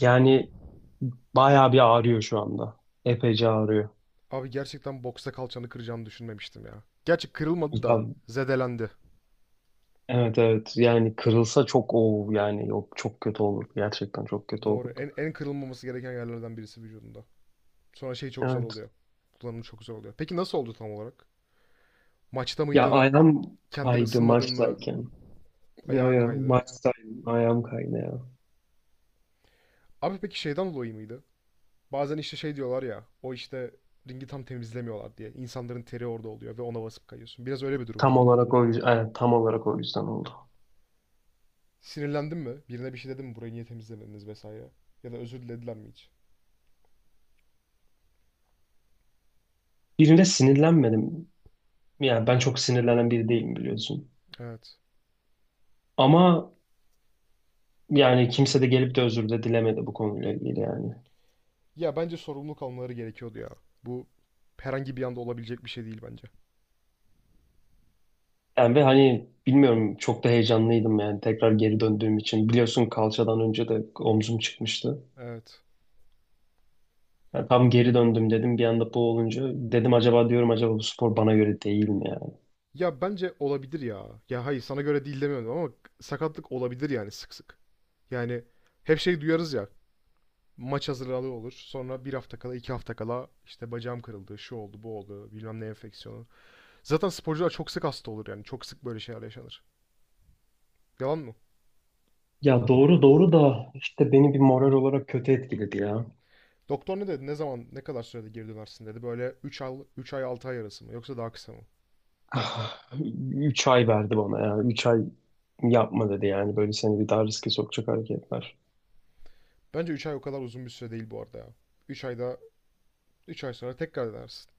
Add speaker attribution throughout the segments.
Speaker 1: Yani bayağı bir ağrıyor şu anda. Epeyce ağrıyor.
Speaker 2: Abi gerçekten boksta kalçanı kıracağımı düşünmemiştim ya. Gerçi kırılmadı
Speaker 1: Ya,
Speaker 2: da zedelendi.
Speaker 1: evet evet yani kırılsa çok o yani yok çok kötü olurdu. Gerçekten çok kötü
Speaker 2: Doğru.
Speaker 1: olurdu.
Speaker 2: En kırılmaması gereken yerlerden birisi vücudunda. Sonra şey çok zor
Speaker 1: Evet.
Speaker 2: oluyor. Kullanımı çok zor oluyor. Peki nasıl oldu tam olarak? Maçta
Speaker 1: Ya
Speaker 2: mıydın?
Speaker 1: ayağım
Speaker 2: Kendin
Speaker 1: kaydı
Speaker 2: ısınmadın mı?
Speaker 1: maçtayken. Yo
Speaker 2: Ayağın
Speaker 1: yo
Speaker 2: kaydı.
Speaker 1: maçtaydım ayağım kaydı ya.
Speaker 2: Abi peki şeyden dolayı mıydı? Bazen işte şey diyorlar ya. O işte ringi tam temizlemiyorlar diye. İnsanların teri orada oluyor ve ona basıp kayıyorsun. Biraz öyle bir durum
Speaker 1: Tam
Speaker 2: muydu?
Speaker 1: olarak o yüzden, evet, tam olarak o yüzden oldu.
Speaker 2: Sinirlendin mi? Birine bir şey dedin mi? Burayı niye temizlemediniz vesaire? Ya da özür dilediler mi hiç?
Speaker 1: Birine sinirlenmedim. Yani ben çok sinirlenen biri değilim biliyorsun.
Speaker 2: Evet.
Speaker 1: Ama yani kimse de gelip de özür de dilemedi bu konuyla ilgili yani.
Speaker 2: Ya bence sorumluluk almaları gerekiyordu ya. Bu herhangi bir anda olabilecek bir şey değil bence.
Speaker 1: Yani ve hani bilmiyorum çok da heyecanlıydım yani tekrar geri döndüğüm için. Biliyorsun kalçadan önce de omzum çıkmıştı.
Speaker 2: Evet.
Speaker 1: Yani tam geri döndüm dedim bir anda bu olunca dedim acaba diyorum acaba bu spor bana göre değil mi yani?
Speaker 2: Ya bence olabilir ya. Ya hayır sana göre değil demiyorum ama sakatlık olabilir yani sık sık. Yani hep şey duyarız ya. Maç hazırlığı olur. Sonra bir hafta kala, iki hafta kala işte bacağım kırıldı, şu oldu, bu oldu, bilmem ne enfeksiyonu. Zaten sporcular çok sık hasta olur yani. Çok sık böyle şeyler yaşanır. Yalan mı?
Speaker 1: Ya doğru doğru da işte beni bir moral olarak kötü etkiledi ya.
Speaker 2: Doktor ne dedi? Ne zaman, ne kadar sürede geri dönersin dedi. Böyle 3 ay, 3 ay 6 ay arası mı? Yoksa daha kısa mı?
Speaker 1: Ah, 3 ay verdi bana ya. Üç ay yapma dedi yani böyle seni bir daha riske sokacak hareketler.
Speaker 2: Bence 3 ay o kadar uzun bir süre değil bu arada ya. Üç ayda 3 ay sonra tekrar denersin.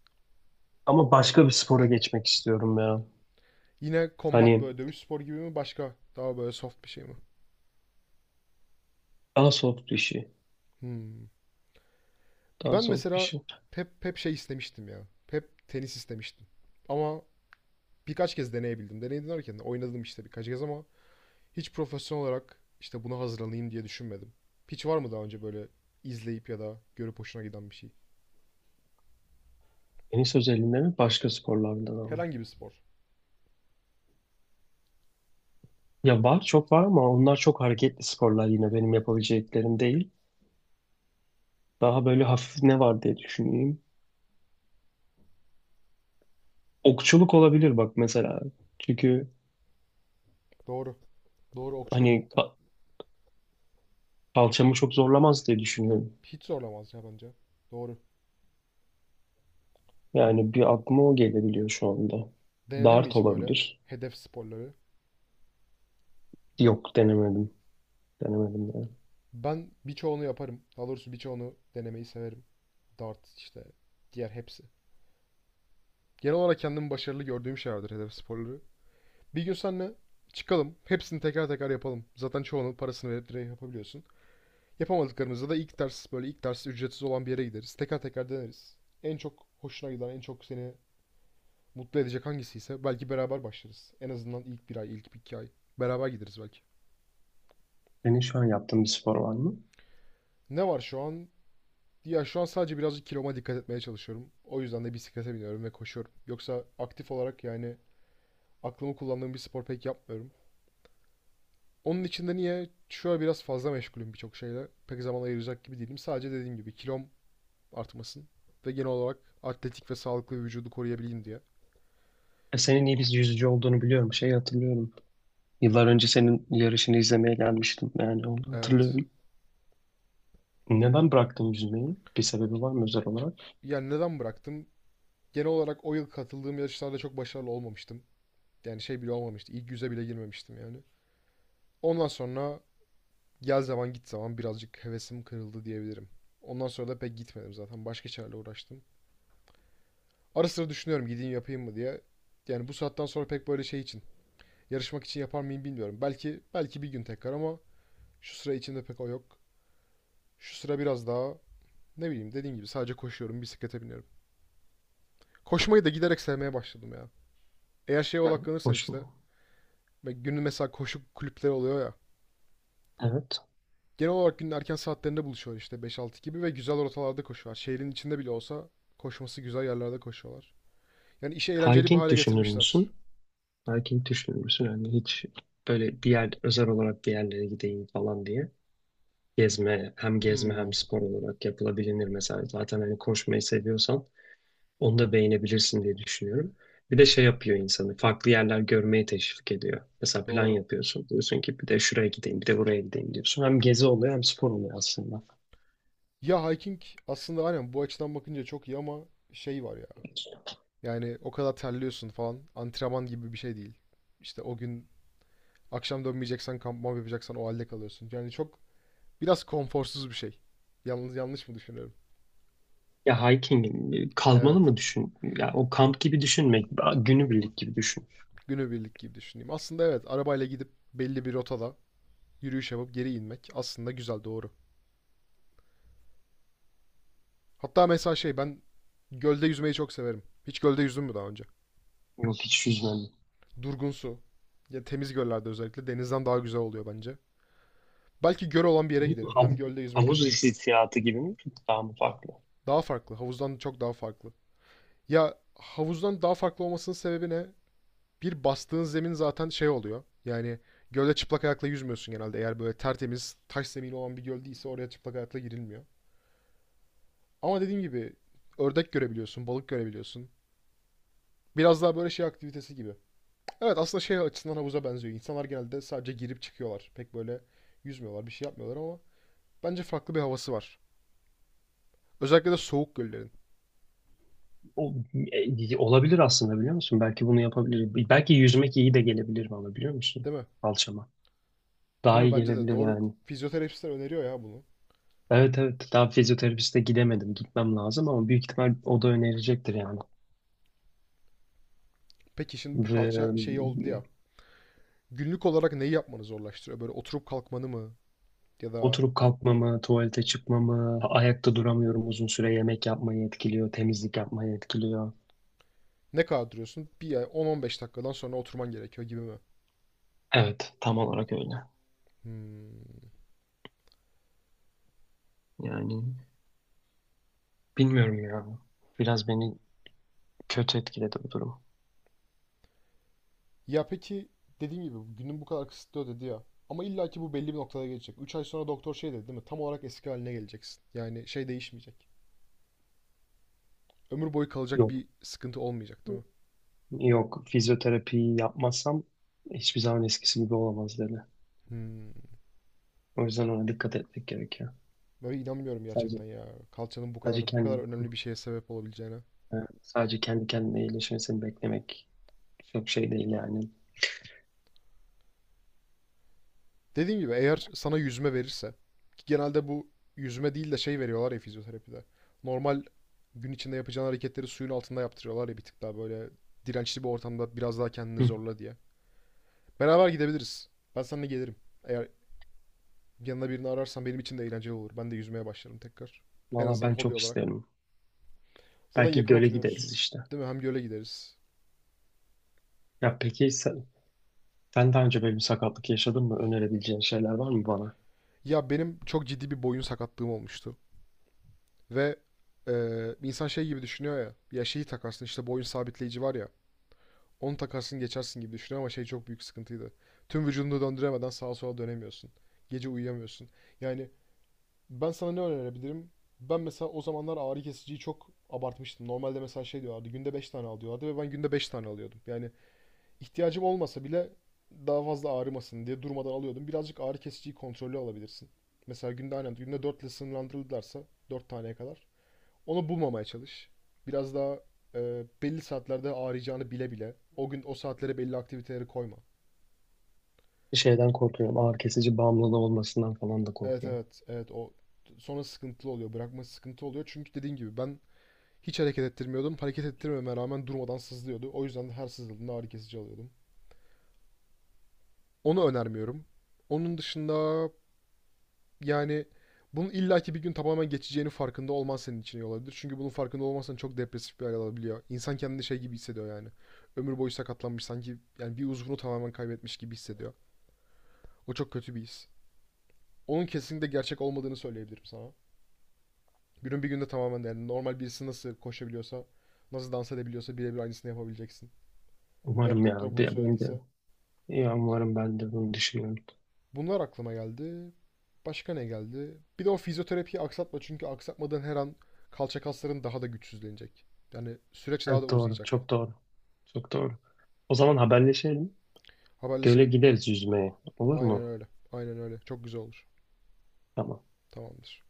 Speaker 1: Ama başka bir spora geçmek istiyorum ya.
Speaker 2: Yine combat
Speaker 1: Hani
Speaker 2: böyle dövüş sporu gibi mi, başka daha böyle soft bir şey mi?
Speaker 1: daha soft bir şey.
Speaker 2: Hmm.
Speaker 1: Daha
Speaker 2: Ben
Speaker 1: soft bir
Speaker 2: mesela
Speaker 1: şey.
Speaker 2: hep şey istemiştim ya. Hep tenis istemiştim. Ama birkaç kez deneyebildim. Deneyim derken de oynadım işte birkaç kez ama hiç profesyonel olarak işte buna hazırlanayım diye düşünmedim. Hiç var mı daha önce böyle izleyip ya da görüp hoşuna giden bir şey?
Speaker 1: Tenis özelinde mi başka sporlardan ama?
Speaker 2: Herhangi bir spor.
Speaker 1: Ya var çok var ama onlar çok hareketli sporlar yine benim yapabileceklerim değil. Daha böyle hafif ne var diye düşüneyim. Okçuluk olabilir bak mesela. Çünkü
Speaker 2: Doğru. Doğru. Okçuluk
Speaker 1: hani kalçamı çok zorlamaz diye düşünüyorum.
Speaker 2: hiç zorlamaz ya bence. Doğru.
Speaker 1: Yani bir aklıma o gelebiliyor şu anda.
Speaker 2: Denedin mi
Speaker 1: Dart
Speaker 2: hiç böyle
Speaker 1: olabilir.
Speaker 2: hedef sporları?
Speaker 1: Yok denemedim. Denemedim yani.
Speaker 2: Ben birçoğunu yaparım. Daha doğrusu birçoğunu denemeyi severim. Dart işte diğer hepsi. Genel olarak kendimi başarılı gördüğüm şeylerdir hedef sporları. Bir gün seninle çıkalım. Hepsini teker teker yapalım. Zaten çoğunun parasını verip direkt yapabiliyorsun. Yapamadıklarımızda da ilk ders, böyle ilk ders ücretsiz olan bir yere gideriz. Teker teker deneriz. En çok hoşuna giden, en çok seni mutlu edecek hangisiyse belki beraber başlarız. En azından ilk bir ay, ilk iki ay. Beraber gideriz belki.
Speaker 1: Senin şu an yaptığın bir spor var mı?
Speaker 2: Ne var şu an? Ya şu an sadece birazcık kiloma dikkat etmeye çalışıyorum. O yüzden de bisiklete biniyorum ve koşuyorum. Yoksa aktif olarak yani aklımı kullandığım bir spor pek yapmıyorum. Onun için de niye şu an biraz fazla meşgulüm birçok şeyle. Pek zaman ayıracak gibi değilim. Sadece dediğim gibi kilom artmasın ve genel olarak atletik ve sağlıklı bir vücudu koruyabileyim diye.
Speaker 1: E, senin iyi bir yüzücü olduğunu biliyorum. Şey hatırlıyorum. Yıllar önce senin yarışını izlemeye gelmiştim. Yani onu
Speaker 2: Evet.
Speaker 1: hatırlıyorum. Neden bıraktın yüzmeyi? Bir sebebi var mı özel olarak?
Speaker 2: Yani neden bıraktım? Genel olarak o yıl katıldığım yarışlarda çok başarılı olmamıştım. Yani şey bile olmamıştı. İlk yüze bile girmemiştim yani. Ondan sonra gel zaman git zaman birazcık hevesim kırıldı diyebilirim. Ondan sonra da pek gitmedim zaten. Başka şeylerle uğraştım. Ara sıra düşünüyorum gideyim yapayım mı diye. Yani bu saatten sonra pek böyle şey için, yarışmak için yapar mıyım bilmiyorum. Belki belki bir gün tekrar ama şu sıra içinde pek o yok. Şu sıra biraz daha ne bileyim, dediğim gibi sadece koşuyorum, bisiklete biniyorum. Koşmayı da giderek sevmeye başladım ya. Eğer şeye
Speaker 1: Yani
Speaker 2: odaklanırsan
Speaker 1: hoş
Speaker 2: işte
Speaker 1: mu?
Speaker 2: ve günün mesela koşu kulüpleri oluyor ya.
Speaker 1: Evet.
Speaker 2: Genel olarak günün erken saatlerinde buluşuyor işte beş altı gibi ve güzel rotalarda koşuyorlar. Şehrin içinde bile olsa koşması güzel yerlerde koşuyorlar. Yani işi eğlenceli bir
Speaker 1: Hiking
Speaker 2: hale
Speaker 1: düşünür
Speaker 2: getirmişler.
Speaker 1: müsün? Hiking düşünür müsün? Yani hiç böyle bir yer özel olarak bir yerlere gideyim falan diye. Gezme, hem gezme
Speaker 2: Hmm,
Speaker 1: hem spor olarak yapılabilir mesela. Zaten hani koşmayı seviyorsan onu da beğenebilirsin diye düşünüyorum. Bir de şey yapıyor insanı. Farklı yerler görmeye teşvik ediyor. Mesela plan
Speaker 2: doğru.
Speaker 1: yapıyorsun. Diyorsun ki bir de şuraya gideyim, bir de buraya gideyim diyorsun. Hem gezi oluyor hem spor oluyor aslında.
Speaker 2: Ya hiking aslında aynen bu açıdan bakınca çok iyi ama şey var ya. Yani o kadar terliyorsun falan. Antrenman gibi bir şey değil. İşte o gün akşam dönmeyeceksen kampman yapacaksan o halde kalıyorsun. Yani çok biraz konforsuz bir şey. Yalnız yanlış mı düşünüyorum?
Speaker 1: Ya hiking e, kalmalı
Speaker 2: Evet.
Speaker 1: mı düşün? Ya o kamp gibi düşünme, günübirlik gibi düşün.
Speaker 2: Günübirlik gibi düşüneyim. Aslında evet, arabayla gidip belli bir rotada yürüyüş yapıp geri inmek aslında güzel, doğru. Hatta mesela şey, ben gölde yüzmeyi çok severim. Hiç gölde yüzdün mü daha önce?
Speaker 1: Yok hiç yüzmedim.
Speaker 2: Durgun su. Ya temiz göllerde özellikle denizden daha güzel oluyor bence. Belki göl olan bir yere giderim. Hem
Speaker 1: Hav-
Speaker 2: gölde yüzmek
Speaker 1: Havuz
Speaker 2: için.
Speaker 1: hissiyatı gibi mi? Daha mı farklı?
Speaker 2: Daha farklı. Havuzdan çok daha farklı. Ya havuzdan daha farklı olmasının sebebi ne? Bir, bastığın zemin zaten şey oluyor. Yani gölde çıplak ayakla yüzmüyorsun genelde. Eğer böyle tertemiz taş zemini olan bir göl değilse oraya çıplak ayakla girilmiyor. Ama dediğim gibi ördek görebiliyorsun, balık görebiliyorsun. Biraz daha böyle şey aktivitesi gibi. Evet, aslında şey açısından havuza benziyor. İnsanlar genelde sadece girip çıkıyorlar. Pek böyle yüzmüyorlar, bir şey yapmıyorlar ama bence farklı bir havası var. Özellikle de soğuk göllerin.
Speaker 1: O, e, olabilir aslında biliyor musun? Belki bunu yapabilirim. Belki yüzmek iyi de gelebilir bana biliyor musun?
Speaker 2: Değil mi?
Speaker 1: Kalçama. Daha
Speaker 2: Değil mi?
Speaker 1: iyi
Speaker 2: Bence de
Speaker 1: gelebilir
Speaker 2: doğru.
Speaker 1: yani.
Speaker 2: Fizyoterapistler öneriyor ya bunu.
Speaker 1: Evet evet daha fizyoterapiste gidemedim. Gitmem lazım ama büyük ihtimal o da önerecektir yani.
Speaker 2: Peki şimdi bu
Speaker 1: Ve
Speaker 2: kalça şeyi oldu ya. Günlük olarak neyi yapmanı zorlaştırıyor? Böyle oturup kalkmanı mı? Ya da
Speaker 1: oturup kalkmamı, tuvalete çıkmamı, ayakta duramıyorum uzun süre yemek yapmayı etkiliyor, temizlik yapmayı etkiliyor.
Speaker 2: ne kadar duruyorsun? Bir ay 10-15 dakikadan sonra oturman gerekiyor gibi mi?
Speaker 1: Evet tam olarak öyle.
Speaker 2: Hmm.
Speaker 1: Yani bilmiyorum ya. Biraz beni kötü etkiledi bu durum.
Speaker 2: Ya peki dediğim gibi günün bu kadar kısıtlı dedi ya. Ama illa ki bu belli bir noktada gelecek. 3 ay sonra doktor şey dedi değil mi? Tam olarak eski haline geleceksin. Yani şey değişmeyecek. Ömür boyu kalacak
Speaker 1: Yok,
Speaker 2: bir sıkıntı olmayacak değil mi?
Speaker 1: yok fizyoterapiyi yapmazsam hiçbir zaman eskisi gibi olamaz dedi.
Speaker 2: Hmm.
Speaker 1: O yüzden ona dikkat etmek gerekiyor.
Speaker 2: Böyle inanmıyorum
Speaker 1: Sadece
Speaker 2: gerçekten ya. Kalçanın bu
Speaker 1: sadece
Speaker 2: kadar bu kadar
Speaker 1: kendi
Speaker 2: önemli bir şeye sebep olabileceğine.
Speaker 1: sadece kendi kendine iyileşmesini beklemek çok şey değil yani.
Speaker 2: Dediğim gibi eğer sana yüzme verirse, ki genelde bu yüzme değil de şey veriyorlar ya fizyoterapide. Normal gün içinde yapacağın hareketleri suyun altında yaptırıyorlar ya, bir tık daha böyle dirençli bir ortamda biraz daha kendini
Speaker 1: Hı.
Speaker 2: zorla diye. Beraber gidebiliriz. Ben seninle gelirim. Eğer yanına birini ararsan benim için de eğlenceli olur. Ben de yüzmeye başlarım tekrar. En
Speaker 1: Valla
Speaker 2: azından
Speaker 1: ben
Speaker 2: hobi
Speaker 1: çok
Speaker 2: olarak.
Speaker 1: isterim.
Speaker 2: Zaten
Speaker 1: Belki
Speaker 2: yakın
Speaker 1: göle
Speaker 2: oturuyoruz.
Speaker 1: gideriz işte.
Speaker 2: Değil mi? Hem göle gideriz.
Speaker 1: Ya peki sen, sen daha önce böyle bir sakatlık yaşadın mı? Önerebileceğin şeyler var mı bana?
Speaker 2: Ya benim çok ciddi bir boyun sakatlığım olmuştu. Ve insan şey gibi düşünüyor ya. Ya şeyi takarsın, işte boyun sabitleyici var ya. Onu takarsın geçersin gibi düşünüyor ama şey çok büyük sıkıntıydı. Tüm vücudunu döndüremeden sağa sola dönemiyorsun. Gece uyuyamıyorsun. Yani ben sana ne önerebilirim? Ben mesela o zamanlar ağrı kesiciyi çok abartmıştım. Normalde mesela şey diyorlardı, günde 5 tane al diyorlardı ve ben günde 5 tane alıyordum. Yani ihtiyacım olmasa bile daha fazla ağrımasın diye durmadan alıyordum. Birazcık ağrı kesiciyi kontrollü alabilirsin. Mesela günde, aynen günde 4 ile sınırlandırılırlarsa 4 taneye kadar. Onu bulmamaya çalış. Biraz daha belli saatlerde ağrıyacağını bile bile o gün o saatlere belli aktiviteleri koyma.
Speaker 1: Şeyden korkuyorum. Ağrı kesici bağımlılığı olmasından falan da
Speaker 2: Evet,
Speaker 1: korkuyorum.
Speaker 2: evet, evet, o sonra sıkıntılı oluyor. Bırakması sıkıntı oluyor. Çünkü dediğin gibi ben hiç hareket ettirmiyordum. Hareket ettirmeme rağmen durmadan sızlıyordu. O yüzden de her sızıldığında ağrı kesici alıyordum. Onu önermiyorum. Onun dışında yani bunun illaki bir gün tamamen geçeceğini farkında olman senin için iyi olabilir. Çünkü bunun farkında olmazsan çok depresif bir hal alabiliyor. İnsan kendini şey gibi hissediyor yani. Ömür boyu sakatlanmış, sanki yani bir uzvunu tamamen kaybetmiş gibi hissediyor. O çok kötü bir his. Onun kesinlikle gerçek olmadığını söyleyebilirim sana. Günün bir günde tamamen, yani normal birisi nasıl koşabiliyorsa, nasıl dans edebiliyorsa birebir aynısını yapabileceksin. Eğer
Speaker 1: Umarım
Speaker 2: doktor
Speaker 1: ya.
Speaker 2: bunu
Speaker 1: Benim de
Speaker 2: söylediyse.
Speaker 1: İyi umarım ben de bunu düşünüyorum.
Speaker 2: Bunlar aklıma geldi. Başka ne geldi? Bir de o fizyoterapiyi aksatma çünkü aksatmadan her an kalça kasların daha da güçsüzlenecek. Yani süreç daha da
Speaker 1: Evet doğru.
Speaker 2: uzayacak.
Speaker 1: Çok doğru. Çok doğru. O zaman haberleşelim. Göle
Speaker 2: Haberleşelim.
Speaker 1: gideriz yüzmeye. Olur
Speaker 2: Aynen
Speaker 1: mu?
Speaker 2: öyle. Aynen öyle. Çok güzel olur.
Speaker 1: Tamam.
Speaker 2: Tamamdır.